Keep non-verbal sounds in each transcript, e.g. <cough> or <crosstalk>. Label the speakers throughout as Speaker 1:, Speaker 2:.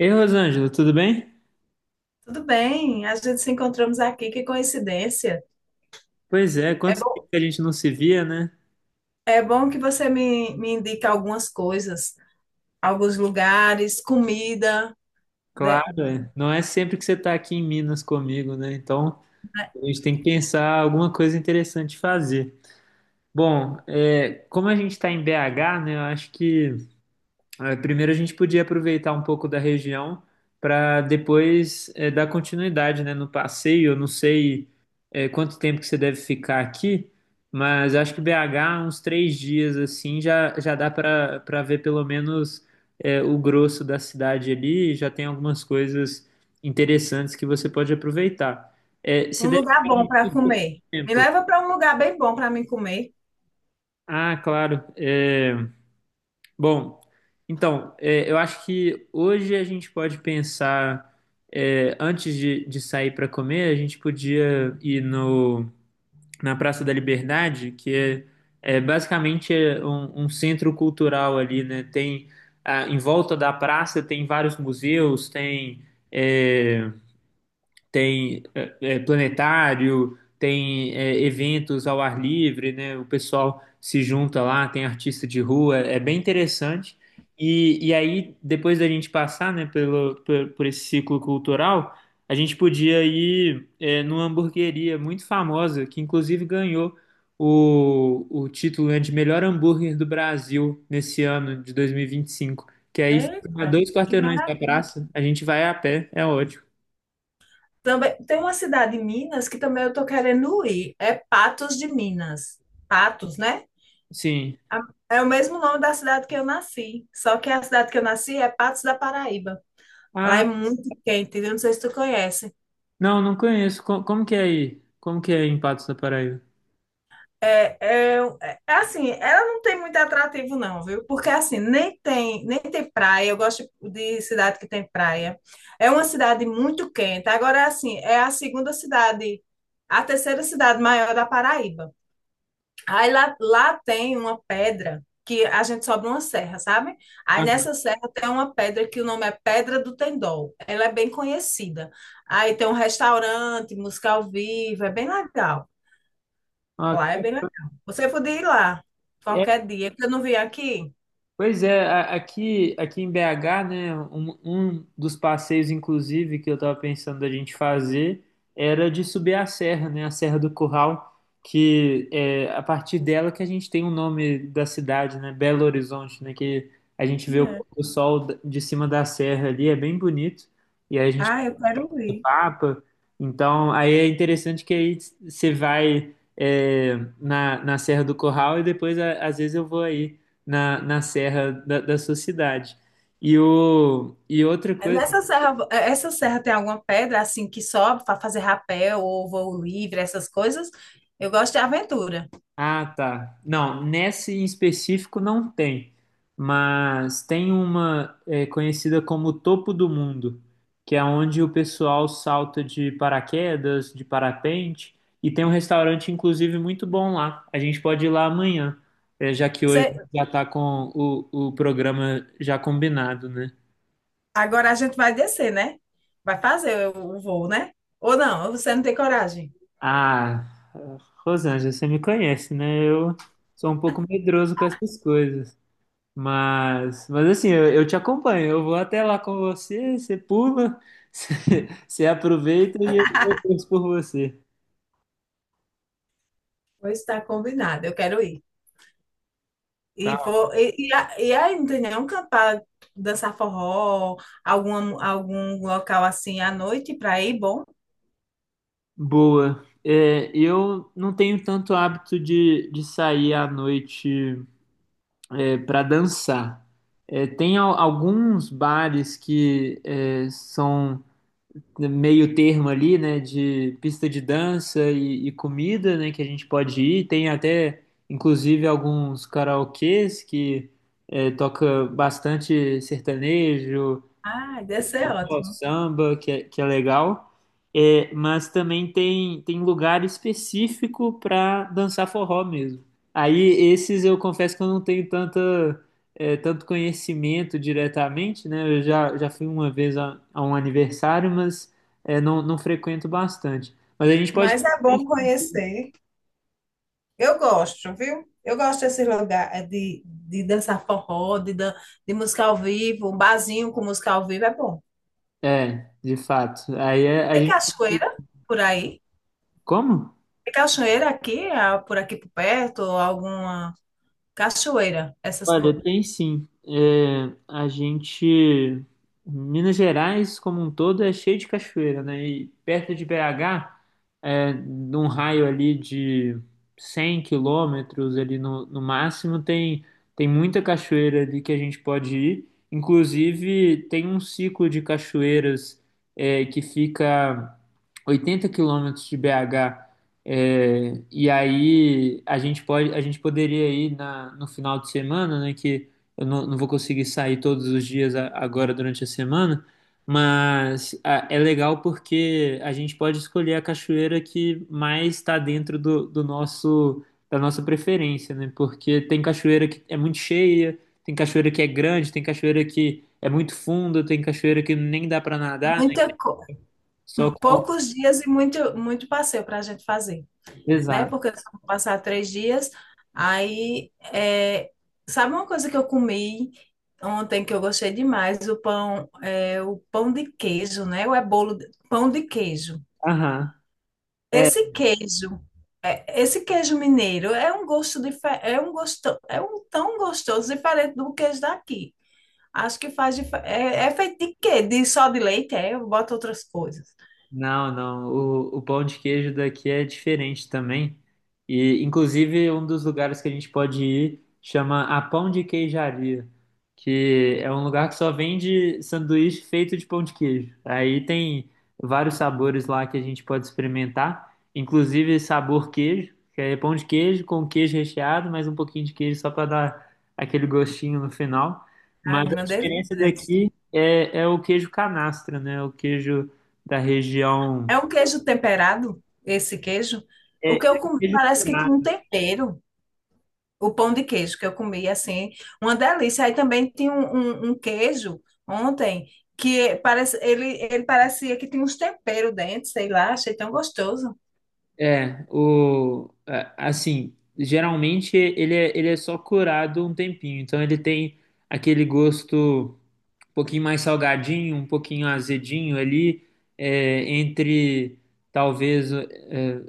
Speaker 1: Ei, Rosângela, tudo bem?
Speaker 2: Tudo bem, a gente se encontramos aqui, que coincidência.
Speaker 1: Pois é,
Speaker 2: É
Speaker 1: quanto tempo
Speaker 2: bom,
Speaker 1: que a gente não se via, né?
Speaker 2: é bom que você me indique algumas coisas, alguns lugares, comida, de-
Speaker 1: Claro, não é sempre que você está aqui em Minas comigo, né? Então, a gente tem que pensar alguma coisa interessante de fazer. Bom, como a gente está em BH, né? Eu acho que É, Primeiro a gente podia aproveitar um pouco da região para depois dar continuidade, né, no passeio. Eu não sei quanto tempo que você deve ficar aqui, mas acho que BH uns 3 dias assim já dá para ver pelo menos o grosso da cidade ali. E já tem algumas coisas interessantes que você pode aproveitar. É, você
Speaker 2: um
Speaker 1: deve
Speaker 2: lugar
Speaker 1: ficar
Speaker 2: bom
Speaker 1: aí
Speaker 2: para
Speaker 1: muito pouco
Speaker 2: comer. Me
Speaker 1: tempo.
Speaker 2: leva para um lugar bem bom para mim comer.
Speaker 1: Ah, claro. Bom, então, eu acho que hoje a gente pode pensar, antes de sair para comer, a gente podia ir no, na Praça da Liberdade, que é basicamente um, um centro cultural ali, né? Em volta da praça tem vários museus, é, tem planetário, tem eventos ao ar livre, né? O pessoal se junta lá, tem artista de rua, é bem interessante. E aí, depois da gente passar, né, por esse ciclo cultural, a gente podia ir numa hamburgueria muito famosa, que inclusive ganhou o título, né, de melhor hambúrguer do Brasil nesse ano de 2025. Que aí fica a
Speaker 2: Eita,
Speaker 1: dois
Speaker 2: que
Speaker 1: quarteirões da
Speaker 2: maravilha.
Speaker 1: praça, a gente vai a pé, é ótimo.
Speaker 2: Também tem uma cidade em Minas que também eu tô querendo ir, é Patos de Minas. Patos, né?
Speaker 1: Sim.
Speaker 2: A- É o mesmo nome da cidade que eu nasci, só que a cidade que eu nasci é Patos da Paraíba. Lá
Speaker 1: Ah,
Speaker 2: é muito quente, eu não sei se tu conhece.
Speaker 1: não, não conheço. Como, que é aí? Como que é em Patos da Paraíba?
Speaker 2: É, é, assim, ela não tem muito atrativo, não, viu? Porque assim, nem tem praia. Eu gosto de cidade que tem praia. É uma cidade muito quente. Agora, assim, a terceira cidade maior da Paraíba. Aí lá tem uma pedra que a gente sobe uma serra, sabe? Aí
Speaker 1: Aham.
Speaker 2: nessa serra tem uma pedra que o nome é Pedra do Tendol. Ela é bem conhecida. Aí tem um restaurante, música ao vivo, é bem legal.
Speaker 1: Ah,
Speaker 2: Lá
Speaker 1: tá.
Speaker 2: é bem legal. Você podia ir lá
Speaker 1: é,
Speaker 2: qualquer dia, que eu não vim aqui.
Speaker 1: Pois é, aqui, aqui em BH, né, um dos passeios, inclusive, que eu estava pensando da gente fazer era de subir a serra, né, a Serra do Curral, que é a partir dela que a gente tem o nome da cidade, né, Belo Horizonte, né, que a gente vê
Speaker 2: E
Speaker 1: o
Speaker 2: é.
Speaker 1: pôr do sol de cima da serra ali, é bem bonito, e aí a gente
Speaker 2: Ah, eu quero
Speaker 1: do
Speaker 2: ir.
Speaker 1: Papa. Então, aí é interessante que aí você vai na Serra do Corral e depois, às vezes, eu vou aí na Serra da sua cidade. E outra coisa.
Speaker 2: Nessa serra, essa serra tem alguma pedra assim que sobe para fazer rapel ou voo livre, essas coisas? Eu gosto de aventura.
Speaker 1: Ah, tá. Não, nesse em específico não tem, mas tem uma conhecida como Topo do Mundo, que é onde o pessoal salta de paraquedas, de parapente, e tem um restaurante, inclusive, muito bom lá. A gente pode ir lá amanhã, já que hoje
Speaker 2: Você,
Speaker 1: já tá com o programa já combinado, né?
Speaker 2: agora a gente vai descer, né? Vai fazer o voo, né? Ou não? Você não tem coragem?
Speaker 1: Ah, Rosângela, você me conhece, né? Eu sou um pouco medroso com essas coisas. Mas assim, eu te acompanho. Eu vou até lá com você, você pula, <laughs> você aproveita e eu torço por você.
Speaker 2: Pois está combinado, eu quero ir.
Speaker 1: Tá.
Speaker 2: E, vou, e, a- e aí, não tem nenhum canto para dançar forró, algum local assim à noite para ir, bom?
Speaker 1: Boa. É, eu não tenho tanto hábito de sair à noite para dançar. É, tem alguns bares que são meio termo ali, né, de pista de dança e comida, né, que a gente pode ir. Tem até, inclusive, alguns karaokês que toca bastante sertanejo,
Speaker 2: Ah, deve ser
Speaker 1: forró,
Speaker 2: ótimo.
Speaker 1: samba, que que é legal, mas também tem lugar específico para dançar forró mesmo. Aí esses eu confesso que eu não tenho tanto conhecimento diretamente, né? Já fui uma vez a um aniversário, mas não frequento bastante. Mas a gente pode.
Speaker 2: Mas é bom conhecer. Eu gosto, viu? Eu gosto desse lugar de dançar forró, de, dan de música ao vivo, um barzinho com música ao vivo é bom.
Speaker 1: É, de fato. Aí é- a
Speaker 2: Tem
Speaker 1: gente.
Speaker 2: cachoeira por aí?
Speaker 1: Como?
Speaker 2: Tem cachoeira aqui, ah, por aqui por perto, ou alguma cachoeira, essas
Speaker 1: Olha,
Speaker 2: coisas.
Speaker 1: tem sim. É, a gente. Minas Gerais, como um todo, é cheio de cachoeira, né? E perto de BH, num raio ali de 100 quilômetros, ali no máximo, tem, tem muita cachoeira ali que a gente pode ir. Inclusive, tem um ciclo de cachoeiras, que fica 80 quilômetros de BH. É, e aí a gente pode, a gente poderia ir no final de semana, né? Que eu não vou conseguir sair todos os dias agora durante a semana, mas é legal porque a gente pode escolher a cachoeira que mais está dentro do nosso da nossa preferência, né? Porque tem cachoeira que é muito cheia, tem cachoeira que é grande, tem cachoeira que é muito funda, tem cachoeira que nem dá para nadar, né?
Speaker 2: Muita co...
Speaker 1: Só com...
Speaker 2: Poucos dias e muito passeio para a gente fazer, né?
Speaker 1: Exato.
Speaker 2: Porque eu só vou passar 3 dias. Aí, é, sabe uma coisa que eu comi ontem que eu gostei demais? O pão de queijo, né? Ou é bolo de, pão de queijo.
Speaker 1: Aham. é,
Speaker 2: Esse queijo, é, esse queijo mineiro é um é um gosto, é um tão gostoso diferente do queijo daqui. Acho que é, é feito de quê? De só de leite? É, eu boto outras coisas.
Speaker 1: Não, não. O pão de queijo daqui é diferente também. E, inclusive, um dos lugares que a gente pode ir chama a Pão de Queijaria, que é um lugar que só vende sanduíche feito de pão de queijo. Aí tem vários sabores lá que a gente pode experimentar, inclusive sabor queijo, que é pão de queijo com queijo recheado, mais um pouquinho de queijo só para dar aquele gostinho no final. Mas
Speaker 2: Ai,
Speaker 1: a
Speaker 2: uma delícia.
Speaker 1: diferença
Speaker 2: Deve ser.
Speaker 1: daqui é o queijo canastra, né? O queijo da região.
Speaker 2: É um queijo temperado, esse queijo.
Speaker 1: É,
Speaker 2: O que eu comi
Speaker 1: ele
Speaker 2: parece que tinha um tempero. O pão de queijo que eu comi, assim, uma delícia. Aí também tinha um queijo ontem que parece, ele parecia que tinha uns temperos dentro, sei lá, achei tão gostoso.
Speaker 1: é, o, é, assim, geralmente ele é só curado um tempinho, então ele tem aquele gosto um pouquinho mais salgadinho, um pouquinho azedinho ali, é, entre talvez é,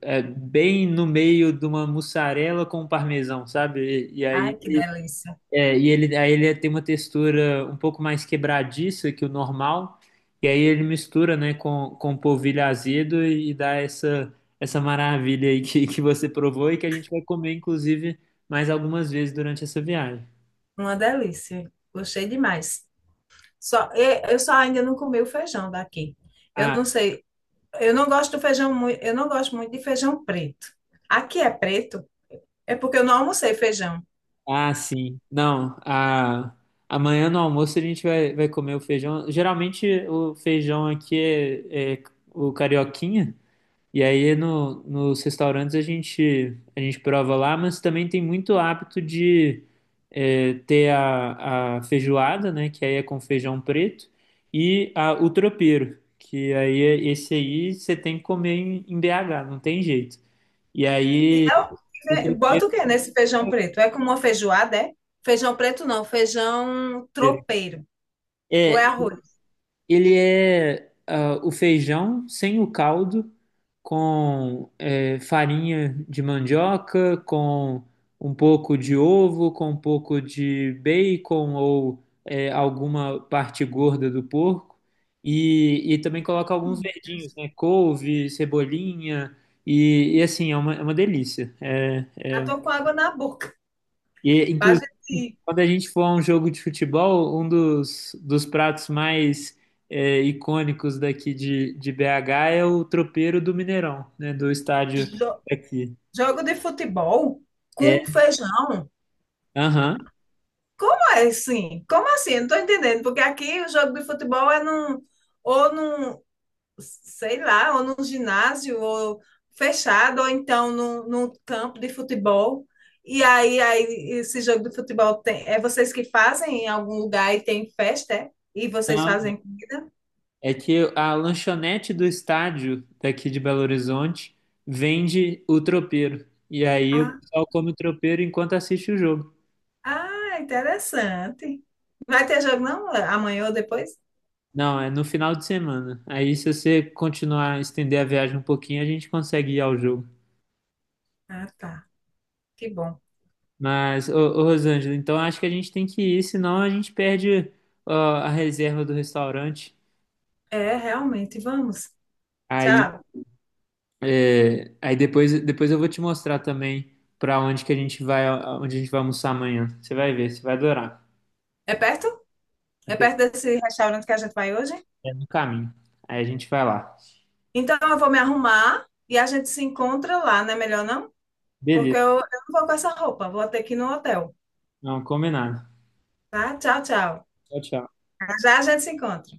Speaker 1: é, bem no meio de uma mussarela com um parmesão, sabe?
Speaker 2: Ai, que delícia.
Speaker 1: E ele, aí ele tem uma textura um pouco mais quebradiça que o normal, e aí ele mistura, né, com polvilho azedo e dá essa, essa maravilha aí que você provou e que a gente vai comer, inclusive, mais algumas vezes durante essa viagem.
Speaker 2: Uma delícia. Gostei demais. Só, eu só ainda não comi o feijão daqui. Eu
Speaker 1: Ah,
Speaker 2: não sei, eu não gosto do feijão muito, eu não gosto muito de feijão preto. Aqui é preto, é porque eu não almocei feijão.
Speaker 1: sim. Amanhã no almoço a gente vai comer o feijão. Geralmente o feijão aqui é o carioquinha, e aí no, nos restaurantes a gente prova lá, mas também tem muito hábito de a feijoada, né? Que aí é com feijão preto, e o tropeiro, que aí esse aí você tem que comer em BH, não tem jeito. E
Speaker 2: E
Speaker 1: aí
Speaker 2: não,
Speaker 1: o
Speaker 2: bota
Speaker 1: tropeiro.
Speaker 2: o que nesse feijão preto? É como uma feijoada, é? Feijão preto não, feijão tropeiro. Ou
Speaker 1: É,
Speaker 2: é arroz?
Speaker 1: Ele é o feijão sem o caldo, com farinha de mandioca, com um pouco de ovo, com um pouco de bacon ou alguma parte gorda do porco. E também coloca alguns
Speaker 2: Hum,
Speaker 1: verdinhos, né? Couve, cebolinha. Assim, é uma delícia. É,
Speaker 2: Já tô com água na boca.
Speaker 1: e,
Speaker 2: A
Speaker 1: inclusive,
Speaker 2: gente
Speaker 1: quando a gente for a um jogo de futebol, um dos pratos mais icônicos daqui de BH é o tropeiro do Mineirão, né? Do estádio
Speaker 2: jo-
Speaker 1: aqui.
Speaker 2: Jogo de futebol
Speaker 1: É,
Speaker 2: com feijão.
Speaker 1: aham.
Speaker 2: Como é assim? Como assim? Eu não tô entendendo, porque aqui o jogo de futebol é num, sei lá, ou num ginásio, ou fechado, ou então num campo de futebol. E aí, esse jogo de futebol tem, é vocês que fazem em algum lugar e tem festa, é? E vocês
Speaker 1: Não,
Speaker 2: fazem comida?
Speaker 1: é que a lanchonete do estádio daqui de Belo Horizonte vende o tropeiro. E aí o
Speaker 2: Ah,
Speaker 1: pessoal come o tropeiro enquanto assiste o jogo.
Speaker 2: ah, interessante. Vai ter jogo não? Amanhã ou depois?
Speaker 1: Não, é no final de semana. Aí se você continuar a estender a viagem um pouquinho, a gente consegue ir ao jogo.
Speaker 2: Ah, tá. Que bom.
Speaker 1: Mas, ô Rosângela, então acho que a gente tem que ir, senão a gente perde ó, a reserva do restaurante.
Speaker 2: É, realmente, vamos.
Speaker 1: Aí,
Speaker 2: Tchau.
Speaker 1: depois eu vou te mostrar também para onde que a gente vai, onde a gente vai almoçar amanhã. Você vai ver, você vai adorar.
Speaker 2: É perto? É perto desse restaurante que a gente vai hoje?
Speaker 1: É no caminho. Aí a gente vai lá.
Speaker 2: Então eu vou me arrumar e a gente se encontra lá, não é melhor não? Porque
Speaker 1: Beleza,
Speaker 2: eu não vou com essa roupa, vou ter que ir no hotel,
Speaker 1: não, combinado.
Speaker 2: tá? Tchau, tchau.
Speaker 1: Tchau, tchau.
Speaker 2: Já a gente se encontra.